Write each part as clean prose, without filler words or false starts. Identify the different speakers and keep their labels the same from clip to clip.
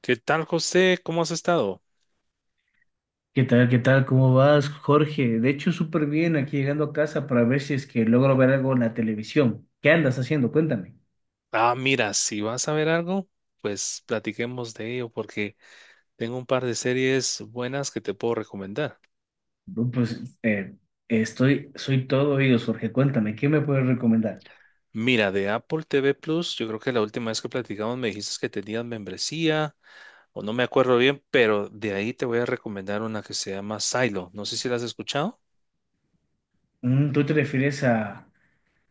Speaker 1: ¿Qué tal, José? ¿Cómo has estado?
Speaker 2: ¿Qué tal? ¿Qué tal? ¿Cómo vas, Jorge? De hecho, súper bien aquí llegando a casa para ver si es que logro ver algo en la televisión. ¿Qué andas haciendo? Cuéntame.
Speaker 1: Ah, mira, si vas a ver algo, pues platiquemos de ello porque tengo un par de series buenas que te puedo recomendar.
Speaker 2: No, pues soy todo oídos, Jorge. Cuéntame, ¿qué me puedes recomendar?
Speaker 1: Mira, de Apple TV Plus, yo creo que la última vez que platicamos me dijiste que tenías membresía o no me acuerdo bien, pero de ahí te voy a recomendar una que se llama Silo. No sé si la has escuchado.
Speaker 2: Mm, ¿tú te refieres a...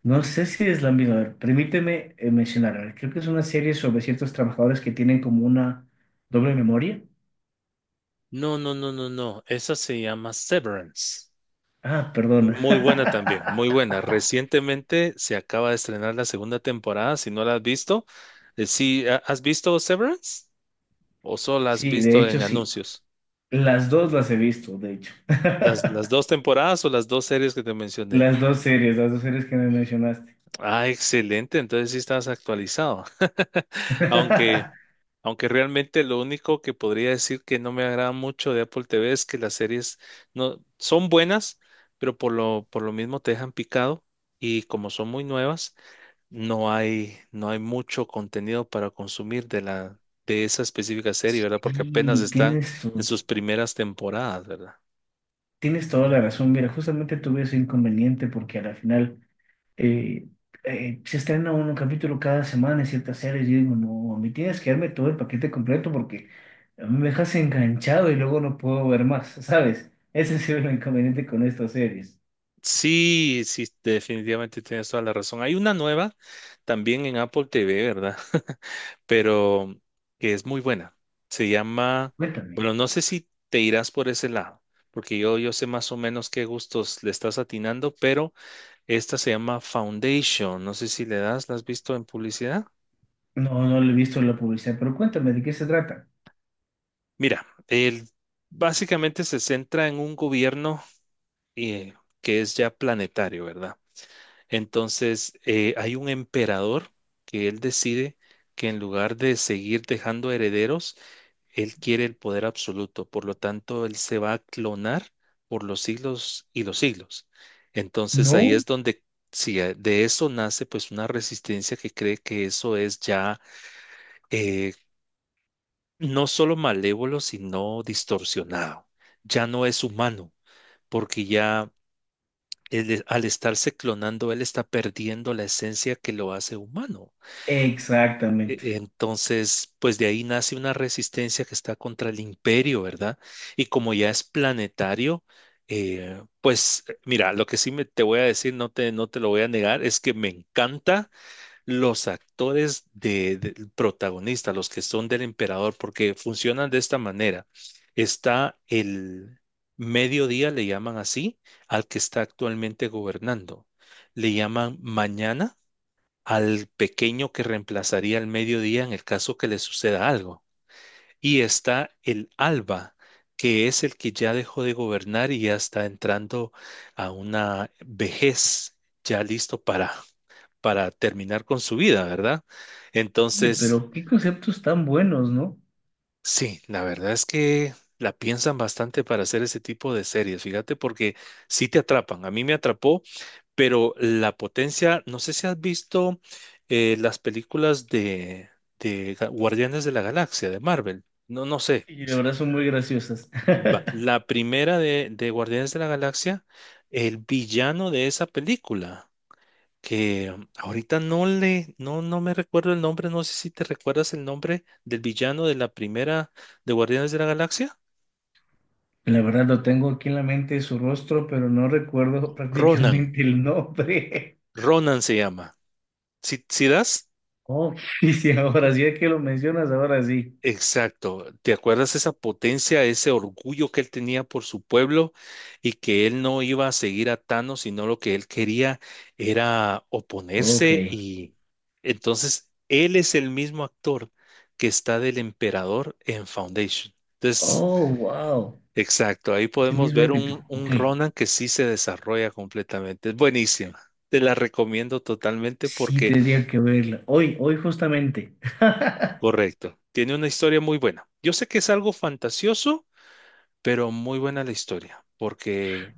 Speaker 2: No sé si es la misma. A ver, permíteme mencionar. A ver, creo que es una serie sobre ciertos trabajadores que tienen como una doble memoria.
Speaker 1: No, no, no, no, no. Esa se llama Severance.
Speaker 2: Ah, perdona.
Speaker 1: Muy buena también, muy buena. Recientemente se acaba de estrenar la segunda temporada, si no la has visto. Sí, ¿has visto Severance? ¿O solo la has
Speaker 2: Sí, de
Speaker 1: visto en
Speaker 2: hecho, sí.
Speaker 1: anuncios?
Speaker 2: Las dos las he visto, de hecho.
Speaker 1: Las dos temporadas o las dos series que te mencioné.
Speaker 2: Las dos series que me mencionaste.
Speaker 1: Ah, excelente, entonces sí estás actualizado. Aunque, aunque realmente lo único que podría decir que no me agrada mucho de Apple TV es que las series no son buenas, pero por lo mismo te dejan picado y como son muy nuevas no hay mucho contenido para consumir de esa específica serie, ¿verdad? Porque apenas
Speaker 2: sí
Speaker 1: está
Speaker 2: tienes
Speaker 1: en
Speaker 2: tu,
Speaker 1: sus primeras temporadas, ¿verdad?
Speaker 2: Tienes toda la razón. Mira, justamente tuve ese inconveniente porque a la final eh, se estrena un capítulo cada semana en ciertas series. Yo digo, no, a mí tienes que darme todo el paquete completo porque a mí me dejas enganchado y luego no puedo ver más, ¿sabes? Ese ha sido el inconveniente con estas series.
Speaker 1: Sí, sí, definitivamente tienes toda la razón. Hay una nueva también en Apple TV, ¿verdad? Pero que es muy buena. Se llama,
Speaker 2: Cuéntame.
Speaker 1: bueno, no sé si te irás por ese lado, porque yo sé más o menos qué gustos le estás atinando, pero esta se llama Foundation. No sé si le das, ¿la has visto en publicidad?
Speaker 2: No, no le he visto la publicidad, pero cuéntame, ¿de qué se trata?
Speaker 1: Mira, básicamente se centra en un gobierno eh, que es ya planetario, ¿verdad? Entonces, hay un emperador que él decide que en lugar de seguir dejando herederos, él quiere el poder absoluto. Por lo tanto, él se va a clonar por los siglos y los siglos. Entonces, ahí
Speaker 2: No,
Speaker 1: es donde, si de eso nace pues una resistencia que cree que eso es ya eh, no solo malévolo, sino distorsionado. Ya no es humano, porque ya al estarse clonando, él está perdiendo la esencia que lo hace humano.
Speaker 2: exactamente.
Speaker 1: Entonces, pues de ahí nace una resistencia que está contra el imperio, ¿verdad? Y como ya es planetario, pues mira, lo que sí te voy a decir, no te lo voy a negar, es que me encanta los actores del protagonista, los que son del emperador, porque funcionan de esta manera. Está el mediodía, le llaman así, al que está actualmente gobernando. Le llaman mañana al pequeño que reemplazaría al mediodía en el caso que le suceda algo. Y está el alba, que es el que ya dejó de gobernar y ya está entrando a una vejez, ya listo para terminar con su vida, ¿verdad?
Speaker 2: Oye,
Speaker 1: Entonces,
Speaker 2: pero qué conceptos tan buenos, ¿no?
Speaker 1: sí, la verdad es que la piensan bastante para hacer ese tipo de series, fíjate, porque sí te atrapan. A mí me atrapó, pero la potencia, no sé si has visto las películas de Guardianes de la Galaxia, de Marvel, no, no sé.
Speaker 2: Y la
Speaker 1: Si
Speaker 2: verdad son muy graciosas.
Speaker 1: La primera de Guardianes de la Galaxia, el villano de esa película, que ahorita no me recuerdo el nombre, no sé si te recuerdas el nombre del villano de la primera de Guardianes de la Galaxia.
Speaker 2: La verdad lo tengo aquí en la mente su rostro, pero no recuerdo
Speaker 1: Ronan,
Speaker 2: prácticamente el nombre.
Speaker 1: Ronan se llama. ¿Si, das?
Speaker 2: Oh, y si ahora sí es que lo mencionas, ahora sí.
Speaker 1: Exacto. ¿Te acuerdas esa potencia, ese orgullo que él tenía por su pueblo y que él no iba a seguir a Thanos, sino lo que él quería era
Speaker 2: Ok.
Speaker 1: oponerse y entonces él es el mismo actor que está del emperador en Foundation? Entonces,
Speaker 2: Oh, wow.
Speaker 1: exacto, ahí
Speaker 2: Es el
Speaker 1: podemos
Speaker 2: mismo
Speaker 1: ver
Speaker 2: ímpetu.
Speaker 1: un
Speaker 2: Ok.
Speaker 1: Ronan que sí se desarrolla completamente. Es buenísima. Te la recomiendo totalmente
Speaker 2: Sí,
Speaker 1: porque,
Speaker 2: tendría que verla. Hoy, hoy justamente.
Speaker 1: correcto, tiene una historia muy buena. Yo sé que es algo fantasioso, pero muy buena la historia, porque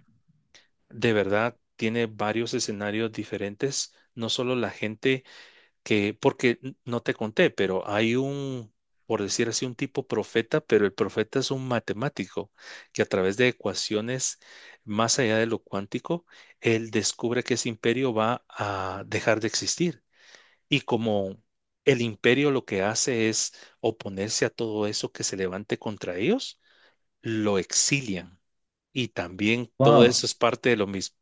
Speaker 1: de verdad tiene varios escenarios diferentes, no solo la gente que, porque no te conté, pero hay un, por decir así, un tipo profeta, pero el profeta es un matemático que a través de ecuaciones más allá de lo cuántico, él descubre que ese imperio va a dejar de existir. Y como el imperio lo que hace es oponerse a todo eso que se levante contra ellos, lo exilian. Y también todo eso
Speaker 2: Wow.
Speaker 1: es parte de lo mismo.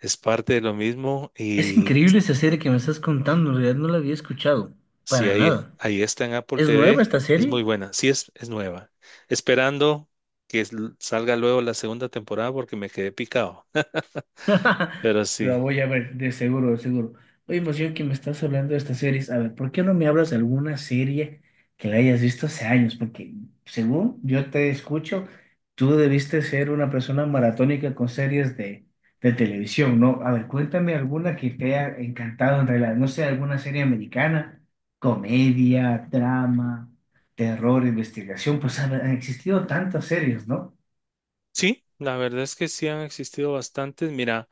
Speaker 1: Es parte de lo mismo
Speaker 2: Es
Speaker 1: y
Speaker 2: increíble esa serie que me estás contando. En realidad no la había escuchado.
Speaker 1: si
Speaker 2: Para
Speaker 1: ahí,
Speaker 2: nada.
Speaker 1: ahí está en Apple
Speaker 2: ¿Es nueva
Speaker 1: TV,
Speaker 2: esta
Speaker 1: es
Speaker 2: serie?
Speaker 1: muy buena. Sí, es nueva. Esperando que salga luego la segunda temporada porque me quedé picado. Pero
Speaker 2: La
Speaker 1: sí,
Speaker 2: voy a ver, de seguro, de seguro. Oye, pues yo que me estás hablando de estas series, a ver, ¿por qué no me hablas de alguna serie que la hayas visto hace años? Porque según yo te escucho, tú debiste ser una persona maratónica con series de televisión, ¿no? A ver, cuéntame alguna que te haya encantado en realidad, no sé, alguna serie americana, comedia, drama, terror, investigación, pues han existido tantas series, ¿no?
Speaker 1: sí, la verdad es que sí han existido bastantes. Mira,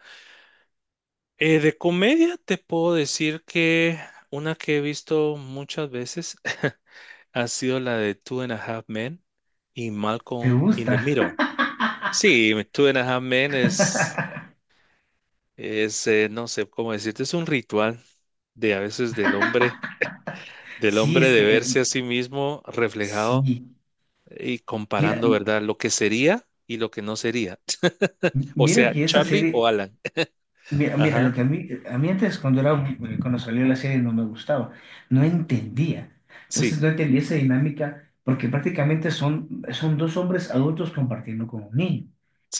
Speaker 1: de comedia te puedo decir que una que he visto muchas veces ha sido la de Two and a Half Men y
Speaker 2: ¿Te
Speaker 1: Malcolm in the
Speaker 2: gusta?
Speaker 1: Middle. Sí, Two and a Half Men es no sé cómo decirte, es un ritual de a veces del
Speaker 2: Sí,
Speaker 1: hombre
Speaker 2: es
Speaker 1: de
Speaker 2: que
Speaker 1: verse a sí mismo reflejado
Speaker 2: sí,
Speaker 1: y
Speaker 2: mira,
Speaker 1: comparando, ¿verdad? Lo que sería y lo que no sería. O
Speaker 2: mira
Speaker 1: sea,
Speaker 2: que esa
Speaker 1: Charlie o
Speaker 2: serie,
Speaker 1: Alan.
Speaker 2: mira, mira, lo
Speaker 1: Ajá,
Speaker 2: que a mí antes cuando era, cuando salió la serie no me gustaba, no entendía.
Speaker 1: sí,
Speaker 2: Entonces no entendía esa dinámica porque prácticamente son, son dos hombres adultos compartiendo con un niño.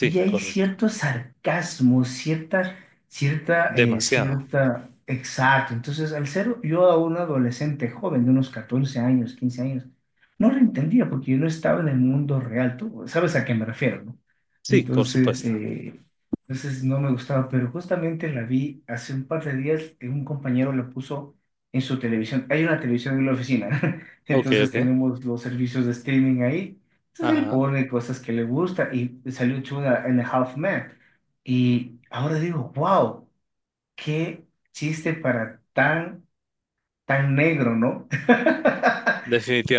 Speaker 2: Y hay
Speaker 1: correcto.
Speaker 2: cierto sarcasmo, cierta, cierta,
Speaker 1: Demasiado.
Speaker 2: cierta, exacto. Entonces al ser yo a un adolescente joven de unos 14 años, 15 años, no lo entendía porque yo no estaba en el mundo real, tú sabes a qué me refiero, ¿no?
Speaker 1: Sí, por
Speaker 2: Entonces,
Speaker 1: supuesto.
Speaker 2: entonces no me gustaba, pero justamente la vi hace un par de días, un compañero la puso en su televisión. Hay una televisión en la oficina,
Speaker 1: Ok,
Speaker 2: entonces
Speaker 1: ok.
Speaker 2: tenemos los servicios de streaming ahí. Entonces él
Speaker 1: Ajá,
Speaker 2: pone cosas que le gusta y salió Chuda en Half Man. Y ahora digo, wow, qué chiste para tan, tan negro, ¿no?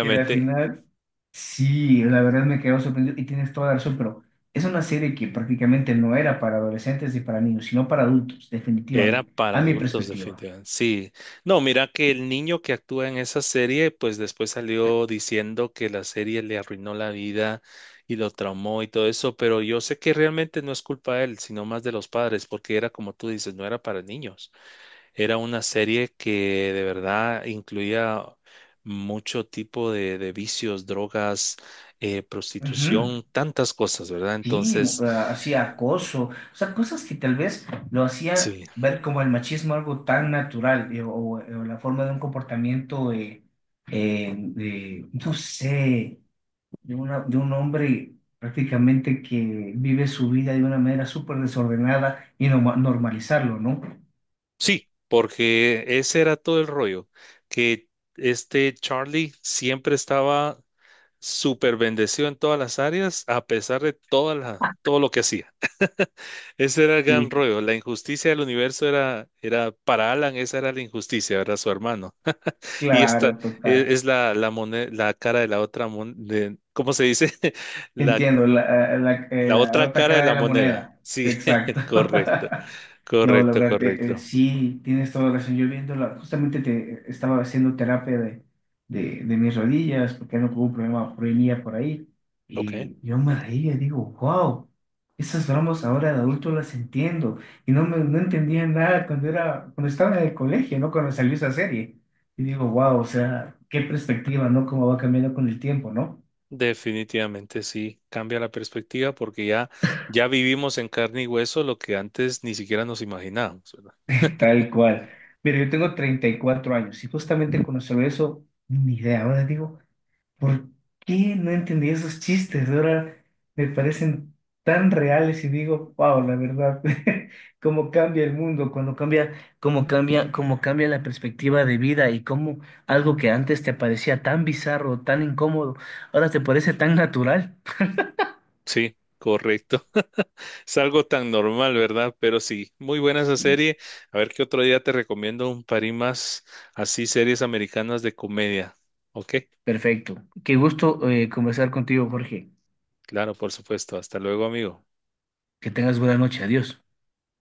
Speaker 2: Y al final sí, la verdad me quedo sorprendido y tienes toda la razón, pero es una serie que prácticamente no era para adolescentes ni para niños, sino para adultos,
Speaker 1: Era
Speaker 2: definitivamente,
Speaker 1: para
Speaker 2: a mi
Speaker 1: adultos,
Speaker 2: perspectiva.
Speaker 1: definitivamente. Sí. No, mira que el niño que actúa en esa serie, pues después salió diciendo que la serie le arruinó la vida y lo traumó y todo eso, pero yo sé que realmente no es culpa de él, sino más de los padres, porque era como tú dices, no era para niños. Era una serie que de verdad incluía mucho tipo de vicios, drogas,
Speaker 2: Ujú.
Speaker 1: prostitución, tantas cosas, ¿verdad?
Speaker 2: Sí,
Speaker 1: Entonces,
Speaker 2: hacía acoso, o sea, cosas que tal vez lo hacía
Speaker 1: sí.
Speaker 2: ver como el machismo algo tan natural o la forma de un comportamiento, de, no sé, de, de un hombre prácticamente que vive su vida de una manera súper desordenada y normalizarlo, ¿no?
Speaker 1: Sí, porque ese era todo el rollo, que este Charlie siempre estaba súper bendecido en todas las áreas, a pesar de todo lo que hacía. Ese era el gran
Speaker 2: Sí,
Speaker 1: rollo. La injusticia del universo era para Alan, esa era la injusticia, era su hermano. Y esta
Speaker 2: claro, total.
Speaker 1: es, la cara de la otra, ¿cómo se dice? La,
Speaker 2: Entiendo, la, la,
Speaker 1: la
Speaker 2: la
Speaker 1: otra
Speaker 2: otra
Speaker 1: cara de
Speaker 2: cara de
Speaker 1: la
Speaker 2: la
Speaker 1: moneda.
Speaker 2: moneda.
Speaker 1: Sí,
Speaker 2: Exacto.
Speaker 1: correcto,
Speaker 2: No, la
Speaker 1: correcto,
Speaker 2: verdad,
Speaker 1: correcto.
Speaker 2: sí, tienes toda la razón. Yo viendo, justamente te, estaba haciendo terapia de mis rodillas porque no tuvo un problema venía por ahí.
Speaker 1: Ok.
Speaker 2: Y yo me reía y digo, wow, esas bromas ahora de adulto las entiendo. Y no, no entendía nada cuando, era, cuando estaba en el colegio, ¿no? Cuando salió esa serie. Y digo, wow, o sea, qué perspectiva, ¿no? Cómo va cambiando con el tiempo, ¿no?
Speaker 1: Definitivamente sí, cambia la perspectiva porque ya, ya vivimos en carne y hueso lo que antes ni siquiera nos imaginábamos, ¿verdad?
Speaker 2: Tal cual. Mira, yo tengo 34 años y justamente cuando se ve eso, ni idea. Ahora digo, ¿por qué no entendí esos chistes? Ahora me parecen tan reales y digo, wow, la verdad, cómo cambia el mundo, cuando cambia, cómo cambia, cómo cambia la perspectiva de vida y cómo algo que antes te parecía tan bizarro, tan incómodo, ahora te parece tan natural.
Speaker 1: Sí, correcto. Es algo tan normal, ¿verdad? Pero sí, muy buena esa
Speaker 2: Sí,
Speaker 1: serie. A ver qué otro día te recomiendo un par y más así series americanas de comedia. Ok,
Speaker 2: perfecto. Qué gusto conversar contigo, Jorge.
Speaker 1: claro, por supuesto. Hasta luego, amigo.
Speaker 2: Que tengas buena noche. Adiós.